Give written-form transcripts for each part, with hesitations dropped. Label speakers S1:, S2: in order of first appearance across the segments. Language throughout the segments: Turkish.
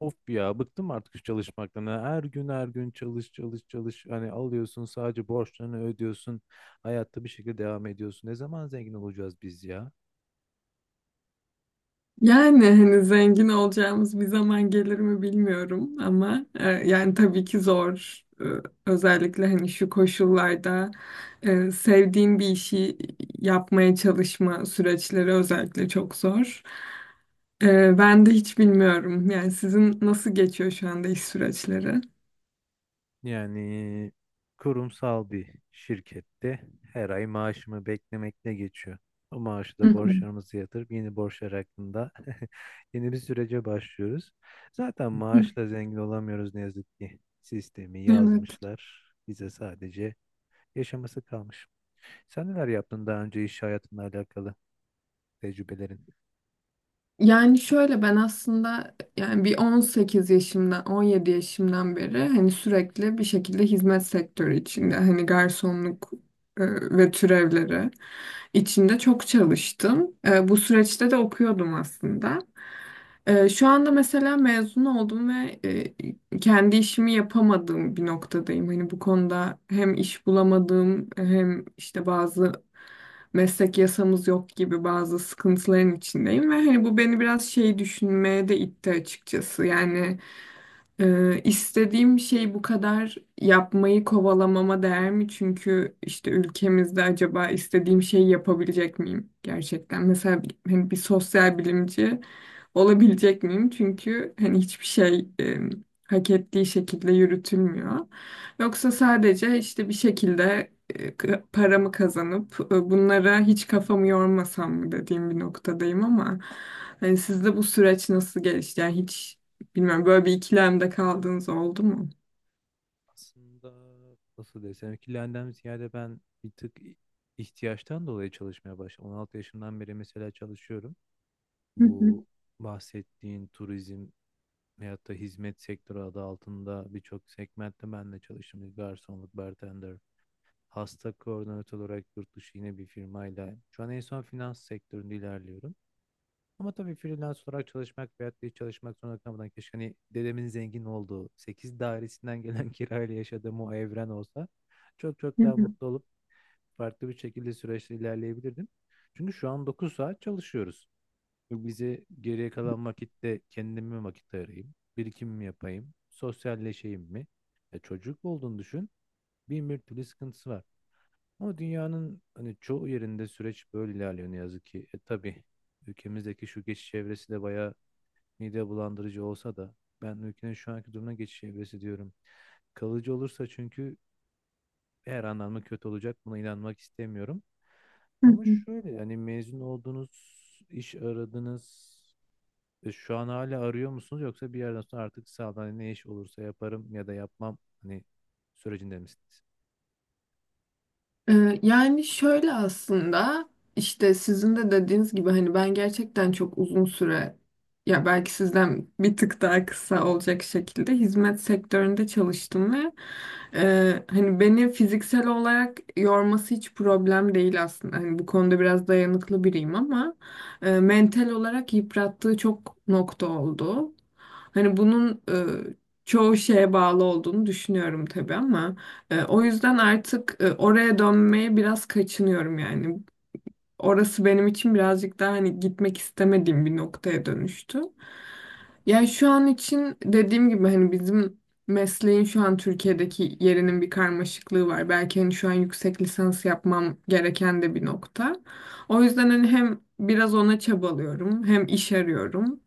S1: Of ya bıktım artık şu çalışmaktan. Yani, her gün her gün çalış çalış çalış. Hani alıyorsun, sadece borçlarını ödüyorsun. Hayatta bir şekilde devam ediyorsun. Ne zaman zengin olacağız biz ya?
S2: Yani hani zengin olacağımız bir zaman gelir mi bilmiyorum ama yani tabii ki zor. Özellikle hani şu koşullarda sevdiğin bir işi yapmaya çalışma süreçleri özellikle çok zor. Ben de hiç bilmiyorum. Yani sizin nasıl geçiyor şu anda iş süreçleri?
S1: Yani kurumsal bir şirkette her ay maaşımı beklemekle geçiyor. O maaşı
S2: Hı
S1: da
S2: hı.
S1: borçlarımızı yatırıp yeni borçlar hakkında yeni bir sürece başlıyoruz. Zaten maaşla zengin olamıyoruz ne yazık ki. Sistemi
S2: Evet.
S1: yazmışlar. Bize sadece yaşaması kalmış. Sen neler yaptın daha önce, iş hayatınla alakalı tecrübelerin?
S2: Yani şöyle ben aslında yani bir 18 yaşımdan 17 yaşımdan beri hani sürekli bir şekilde hizmet sektörü içinde hani garsonluk e, ve türevleri içinde çok çalıştım. Bu süreçte de okuyordum aslında. Şu anda mesela mezun oldum ve kendi işimi yapamadığım bir noktadayım. Hani bu konuda hem iş bulamadığım hem işte bazı meslek yasamız yok gibi bazı sıkıntıların içindeyim ve hani bu beni biraz şey düşünmeye de itti açıkçası. Yani istediğim şey bu kadar yapmayı kovalamama değer mi? Çünkü işte ülkemizde acaba istediğim şeyi yapabilecek miyim gerçekten? Mesela hani bir sosyal bilimci olabilecek miyim? Çünkü hani hiçbir şey hak ettiği şekilde yürütülmüyor. Yoksa sadece işte bir şekilde paramı kazanıp bunlara hiç kafamı yormasam mı dediğim bir noktadayım ama hani sizde bu süreç nasıl gelişti? Yani hiç bilmem böyle bir ikilemde kaldığınız oldu mu?
S1: Aslında, nasıl desem, ikilenden ziyade ben bir tık ihtiyaçtan dolayı çalışmaya başladım. 16 yaşından beri mesela çalışıyorum. Bu bahsettiğin turizm veyahut da hizmet sektörü adı altında birçok segmentte ben de çalıştım. Garsonluk, bartender, hasta koordinatör olarak yurt dışı yine bir firmayla. Şu an en son finans sektöründe ilerliyorum. Ama tabii freelance olarak çalışmak veyahut da hiç çalışmak zorunda kalmadan, keşke hani dedemin zengin olduğu 8 dairesinden gelen kirayla yaşadığım o evren olsa çok çok daha mutlu olup farklı bir şekilde süreçte ilerleyebilirdim. Çünkü şu an 9 saat çalışıyoruz. Bu bize geriye kalan vakitte kendime vakit ayırayım, birikimimi yapayım, sosyalleşeyim mi? Ya çocuk olduğunu düşün, bin bir türlü sıkıntısı var. Ama dünyanın hani çoğu yerinde süreç böyle ilerliyor ne yazık ki. Tabii ülkemizdeki şu geçiş çevresi de bayağı mide bulandırıcı olsa da ben ülkenin şu anki durumuna geçiş evresi diyorum. Kalıcı olursa çünkü her anlamda kötü olacak. Buna inanmak istemiyorum. Ama şöyle, hani mezun oldunuz, iş aradınız. Şu an hala arıyor musunuz, yoksa bir yerden sonra artık sağdan hani ne iş olursa yaparım ya da yapmam, hani sürecinde misiniz?
S2: Yani şöyle aslında işte sizin de dediğiniz gibi hani ben gerçekten çok uzun süre ya belki sizden bir tık daha kısa olacak şekilde hizmet sektöründe çalıştım ve hani beni fiziksel olarak yorması hiç problem değil aslında. Hani bu konuda biraz dayanıklı biriyim ama mental olarak yıprattığı çok nokta oldu. Hani bunun çoğu şeye bağlı olduğunu düşünüyorum tabii ama. O yüzden artık oraya dönmeye biraz kaçınıyorum yani orası benim için birazcık daha hani gitmek istemediğim bir noktaya dönüştü. Yani şu an için dediğim gibi hani bizim mesleğin şu an Türkiye'deki yerinin bir karmaşıklığı var. Belki hani şu an yüksek lisans yapmam gereken de bir nokta. O yüzden hani hem biraz ona çabalıyorum hem iş arıyorum.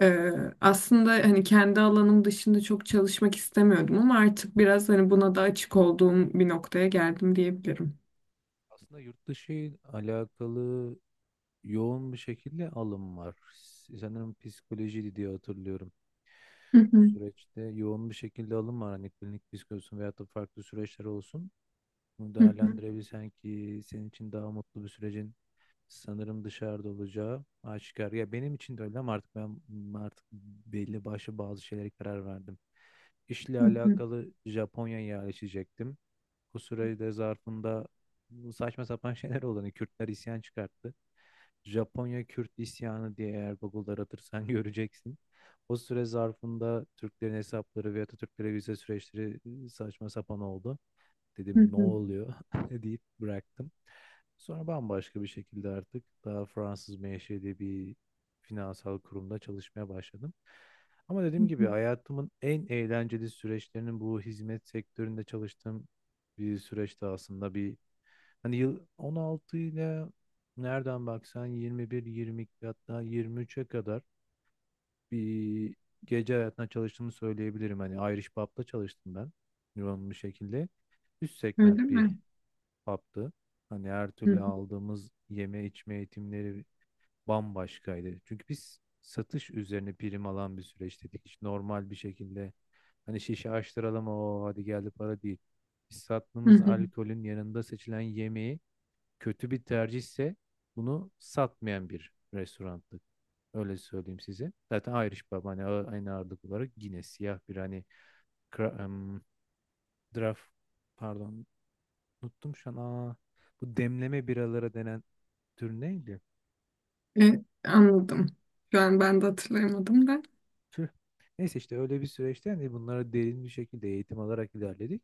S2: Ee, Aslında hani kendi alanım dışında çok çalışmak istemiyordum ama artık biraz hani buna da açık olduğum bir noktaya geldim diyebilirim.
S1: Aslında yurt dışı ile alakalı yoğun bir şekilde alım var. Sanırım psikolojiydi diye hatırlıyorum.
S2: Hı
S1: Bu
S2: hı,
S1: süreçte yoğun bir şekilde alım var. Hani klinik psikoloji olsun veyahut da farklı süreçler olsun. Bunu
S2: hı hı,
S1: değerlendirebilsen ki, senin için daha mutlu bir sürecin sanırım dışarıda olacağı aşikar. Ya benim için de öyle, ama artık ben artık belli başlı bazı şeylere karar verdim. İşle
S2: hı hı,
S1: alakalı Japonya'ya yerleşecektim. Bu sürede zarfında bu saçma sapan şeyler oldu. Hani Kürtler isyan çıkarttı. Japonya Kürt isyanı diye eğer Google'da aratırsan göreceksin. O süre zarfında Türklerin hesapları ve Atatürklere vize süreçleri saçma sapan oldu.
S2: hı
S1: Dedim ne
S2: hı.
S1: oluyor deyip bıraktım. Sonra bambaşka bir şekilde artık daha Fransız menşeli bir finansal kurumda çalışmaya başladım. Ama
S2: Hı
S1: dediğim gibi
S2: hı.
S1: hayatımın en eğlenceli süreçlerinin bu hizmet sektöründe çalıştığım bir süreçte, aslında bir hani yıl 16 ile nereden baksan 21, 22 hatta 23'e kadar bir gece hayatına çalıştığımı söyleyebilirim. Hani Irish Pub'da çalıştım ben yoğun bir şekilde. Üst
S2: Öyle
S1: segment bir
S2: mi?
S1: PAB'dı. Hani her
S2: Hı
S1: türlü
S2: hı.
S1: aldığımız yeme içme eğitimleri bambaşkaydı. Çünkü biz satış üzerine prim alan bir süreç dedik. Hiç normal bir şekilde hani şişe açtıralım o hadi geldi para değil. Biz
S2: Hı
S1: sattığımız
S2: hı.
S1: alkolün yanında seçilen yemeği, kötü bir tercihse bunu satmayan bir restorandı. Öyle söyleyeyim size. Zaten Irish Pub hani aynı ağırlık olarak yine siyah bir hani kra- em, draft, pardon, unuttum şu an. Bu demleme biralara denen tür neydi?
S2: Anladım. Şu an ben de hatırlayamadım da.
S1: Tüh. Neyse, işte öyle bir süreçten de bunlara derin bir şekilde eğitim alarak ilerledik.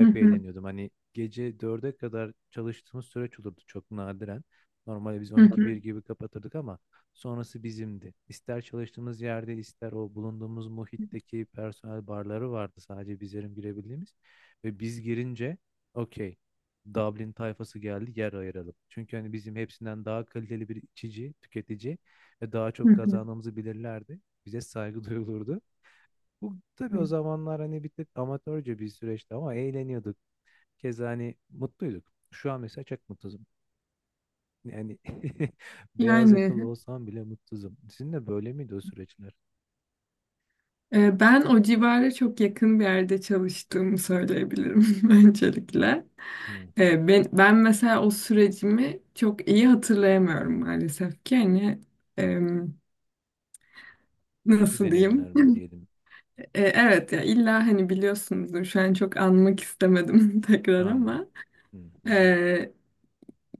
S2: Hı hı.
S1: eğleniyordum. Hani gece dörde kadar çalıştığımız süreç olurdu, çok nadiren. Normalde biz
S2: Hı
S1: 12
S2: hı.
S1: bir gibi kapatırdık ama sonrası bizimdi. İster çalıştığımız yerde, ister o bulunduğumuz muhitteki personel barları vardı, sadece bizlerin girebildiğimiz. Ve biz girince okey, Dublin tayfası geldi, yer ayıralım. Çünkü hani bizim hepsinden daha kaliteli bir içici, tüketici ve daha
S2: Hı
S1: çok
S2: hı.
S1: kazandığımızı bilirlerdi. Bize saygı duyulurdu. Bu tabii o zamanlar hani bir tık amatörce bir süreçti ama eğleniyorduk. Keza hani mutluyduk. Şu an mesela çok mutsuzum. Yani beyaz
S2: Yani
S1: yakalı olsam bile mutsuzum. Sizin de böyle miydi o süreçler?
S2: ben o civara çok yakın bir yerde çalıştığımı söyleyebilirim öncelikle.
S1: Hı hı.
S2: Ben mesela o sürecimi çok iyi hatırlayamıyorum maalesef ki. Hani em,
S1: Kötü
S2: nasıl diyeyim?
S1: deneyimler mi diyelim?
S2: Evet ya illa hani biliyorsunuzdur şu an çok anmak istemedim tekrar
S1: Anladım.
S2: ama.
S1: Hı hı.
S2: e,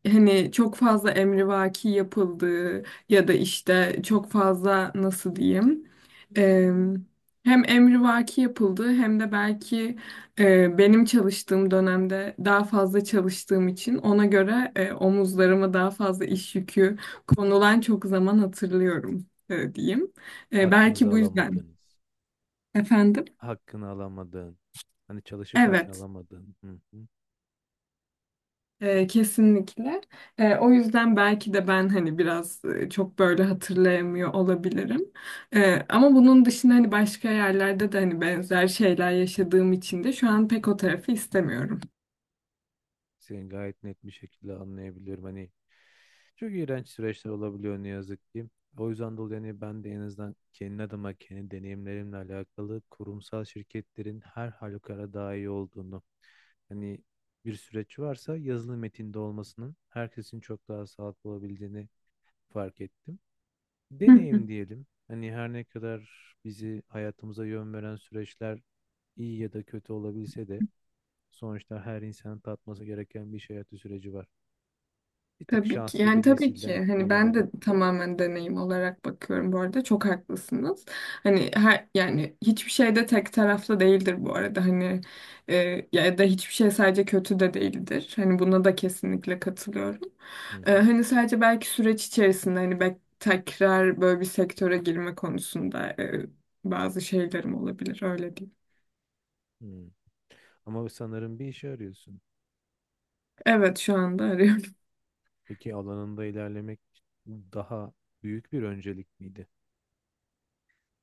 S2: Hani çok fazla emrivaki yapıldığı ya da işte çok fazla nasıl diyeyim e, hem emrivaki yapıldığı hem de belki benim çalıştığım dönemde daha fazla çalıştığım için ona göre omuzlarıma daha fazla iş yükü konulan çok zaman hatırlıyorum diyeyim.
S1: Hakkınızı
S2: Belki bu yüzden
S1: alamadığınız,
S2: efendim.
S1: hakkını alamadığın, hani çalışıp hakkını
S2: Evet.
S1: alamadığın. Hı hı.
S2: Kesinlikle. O yüzden belki de ben hani biraz çok böyle hatırlayamıyor olabilirim. Ama bunun dışında hani başka yerlerde de hani benzer şeyler yaşadığım için de şu an pek o tarafı istemiyorum.
S1: Seni gayet net bir şekilde anlayabiliyorum. Hani çok iğrenç süreçler olabiliyor ne yazık ki. O yüzden dolayı hani ben de en azından kendi adıma, kendi deneyimlerimle alakalı kurumsal şirketlerin her halükarda daha iyi olduğunu, hani bir süreç varsa yazılı metinde olmasının herkesin çok daha sağlıklı olabildiğini fark ettim. Deneyim diyelim. Hani her ne kadar bizi hayatımıza yön veren süreçler iyi ya da kötü olabilse de sonuçta her insanın tatması gereken bir iş hayatı süreci var. Bir tık
S2: Tabii ki
S1: şanslı
S2: yani
S1: bir
S2: tabii ki
S1: nesilden
S2: hani ben
S1: olamadık.
S2: de tamamen deneyim olarak bakıyorum bu arada çok haklısınız. Hani her, yani hiçbir şey de tek taraflı değildir bu arada hani ya da hiçbir şey sadece kötü de değildir. Hani buna da kesinlikle katılıyorum.
S1: Hı hı.
S2: Hani sadece belki süreç içerisinde hani belki tekrar böyle bir sektöre girme konusunda bazı şeylerim olabilir öyle diyeyim.
S1: Hı. Ama sanırım bir işe arıyorsun.
S2: Evet, şu anda arıyorum.
S1: Peki alanında ilerlemek daha büyük bir öncelik miydi?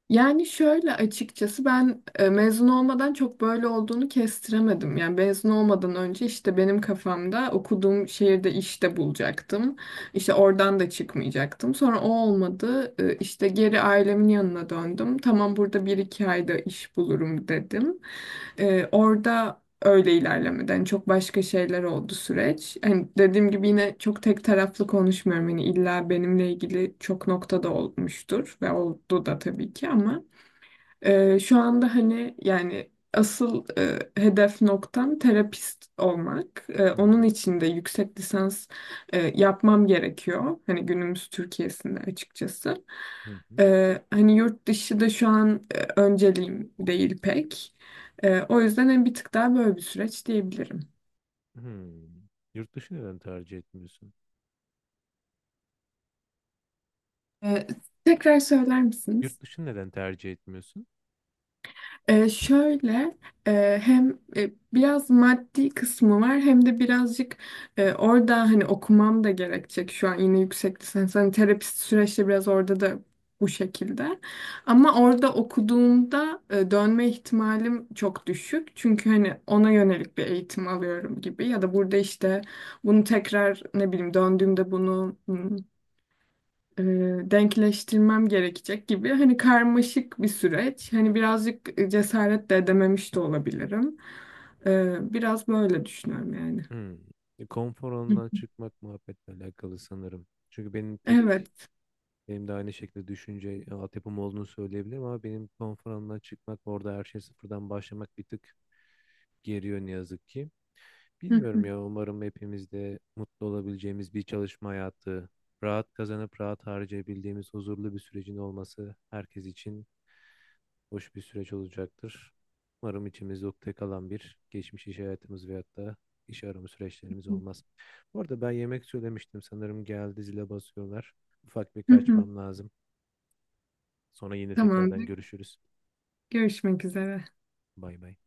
S2: Yani şöyle açıkçası ben mezun olmadan çok böyle olduğunu kestiremedim. Yani mezun olmadan önce işte benim kafamda okuduğum şehirde işte bulacaktım. İşte oradan da çıkmayacaktım. Sonra o olmadı. İşte geri ailemin yanına döndüm. Tamam, burada bir iki ayda iş bulurum dedim. Orada öyle ilerlemeden hani çok başka şeyler oldu süreç. Hani dediğim gibi yine çok tek taraflı konuşmuyorum. Hani illa benimle ilgili çok noktada olmuştur ve oldu da tabii ki ama şu anda hani yani asıl hedef noktam terapist olmak.
S1: Hı
S2: Onun
S1: hı.
S2: için de yüksek lisans yapmam gerekiyor. Hani günümüz Türkiye'sinde açıkçası.
S1: Hı hı.
S2: Hani yurt dışı da şu an önceliğim değil pek. O yüzden hani bir tık daha böyle bir süreç diyebilirim.
S1: Hı. Yurt dışı neden tercih etmiyorsun?
S2: Ee, Tekrar söyler
S1: Yurt
S2: misiniz?
S1: dışı neden tercih etmiyorsun?
S2: Şöyle hem biraz maddi kısmı var hem de birazcık orada hani okumam da gerekecek şu an yine yüksek lisans hani terapist süreçte biraz orada da bu şekilde ama orada okuduğumda dönme ihtimalim çok düşük çünkü hani ona yönelik bir eğitim alıyorum gibi ya da burada işte bunu tekrar ne bileyim döndüğümde bunu e, denkleştirmem gerekecek gibi hani karmaşık bir süreç. Hani birazcık cesaret de edememiş de olabilirim. Biraz böyle düşünüyorum yani.
S1: Hı. Konfor
S2: Hı.
S1: alanından çıkmak muhabbetle alakalı sanırım. Çünkü benim tek,
S2: Evet.
S1: benim de aynı şekilde düşünce altyapım olduğunu söyleyebilirim ama benim konfor alanından çıkmak, orada her şey sıfırdan başlamak bir tık geriyor ne yazık ki.
S2: Hı
S1: Bilmiyorum
S2: hı
S1: ya, umarım hepimiz de mutlu olabileceğimiz bir çalışma hayatı, rahat kazanıp rahat harcayabildiğimiz huzurlu bir sürecin olması herkes için hoş bir süreç olacaktır. Umarım içimizde ukde kalan bir geçmiş iş hayatımız veyahut da iş arama süreçlerimiz
S2: hı.
S1: olmaz. Bu arada ben yemek söylemiştim, sanırım geldi, zile basıyorlar. Ufak bir
S2: Hı hı.
S1: kaçmam lazım. Sonra yine tekrardan
S2: Tamamdır.
S1: görüşürüz.
S2: Görüşmek üzere.
S1: Bay bay.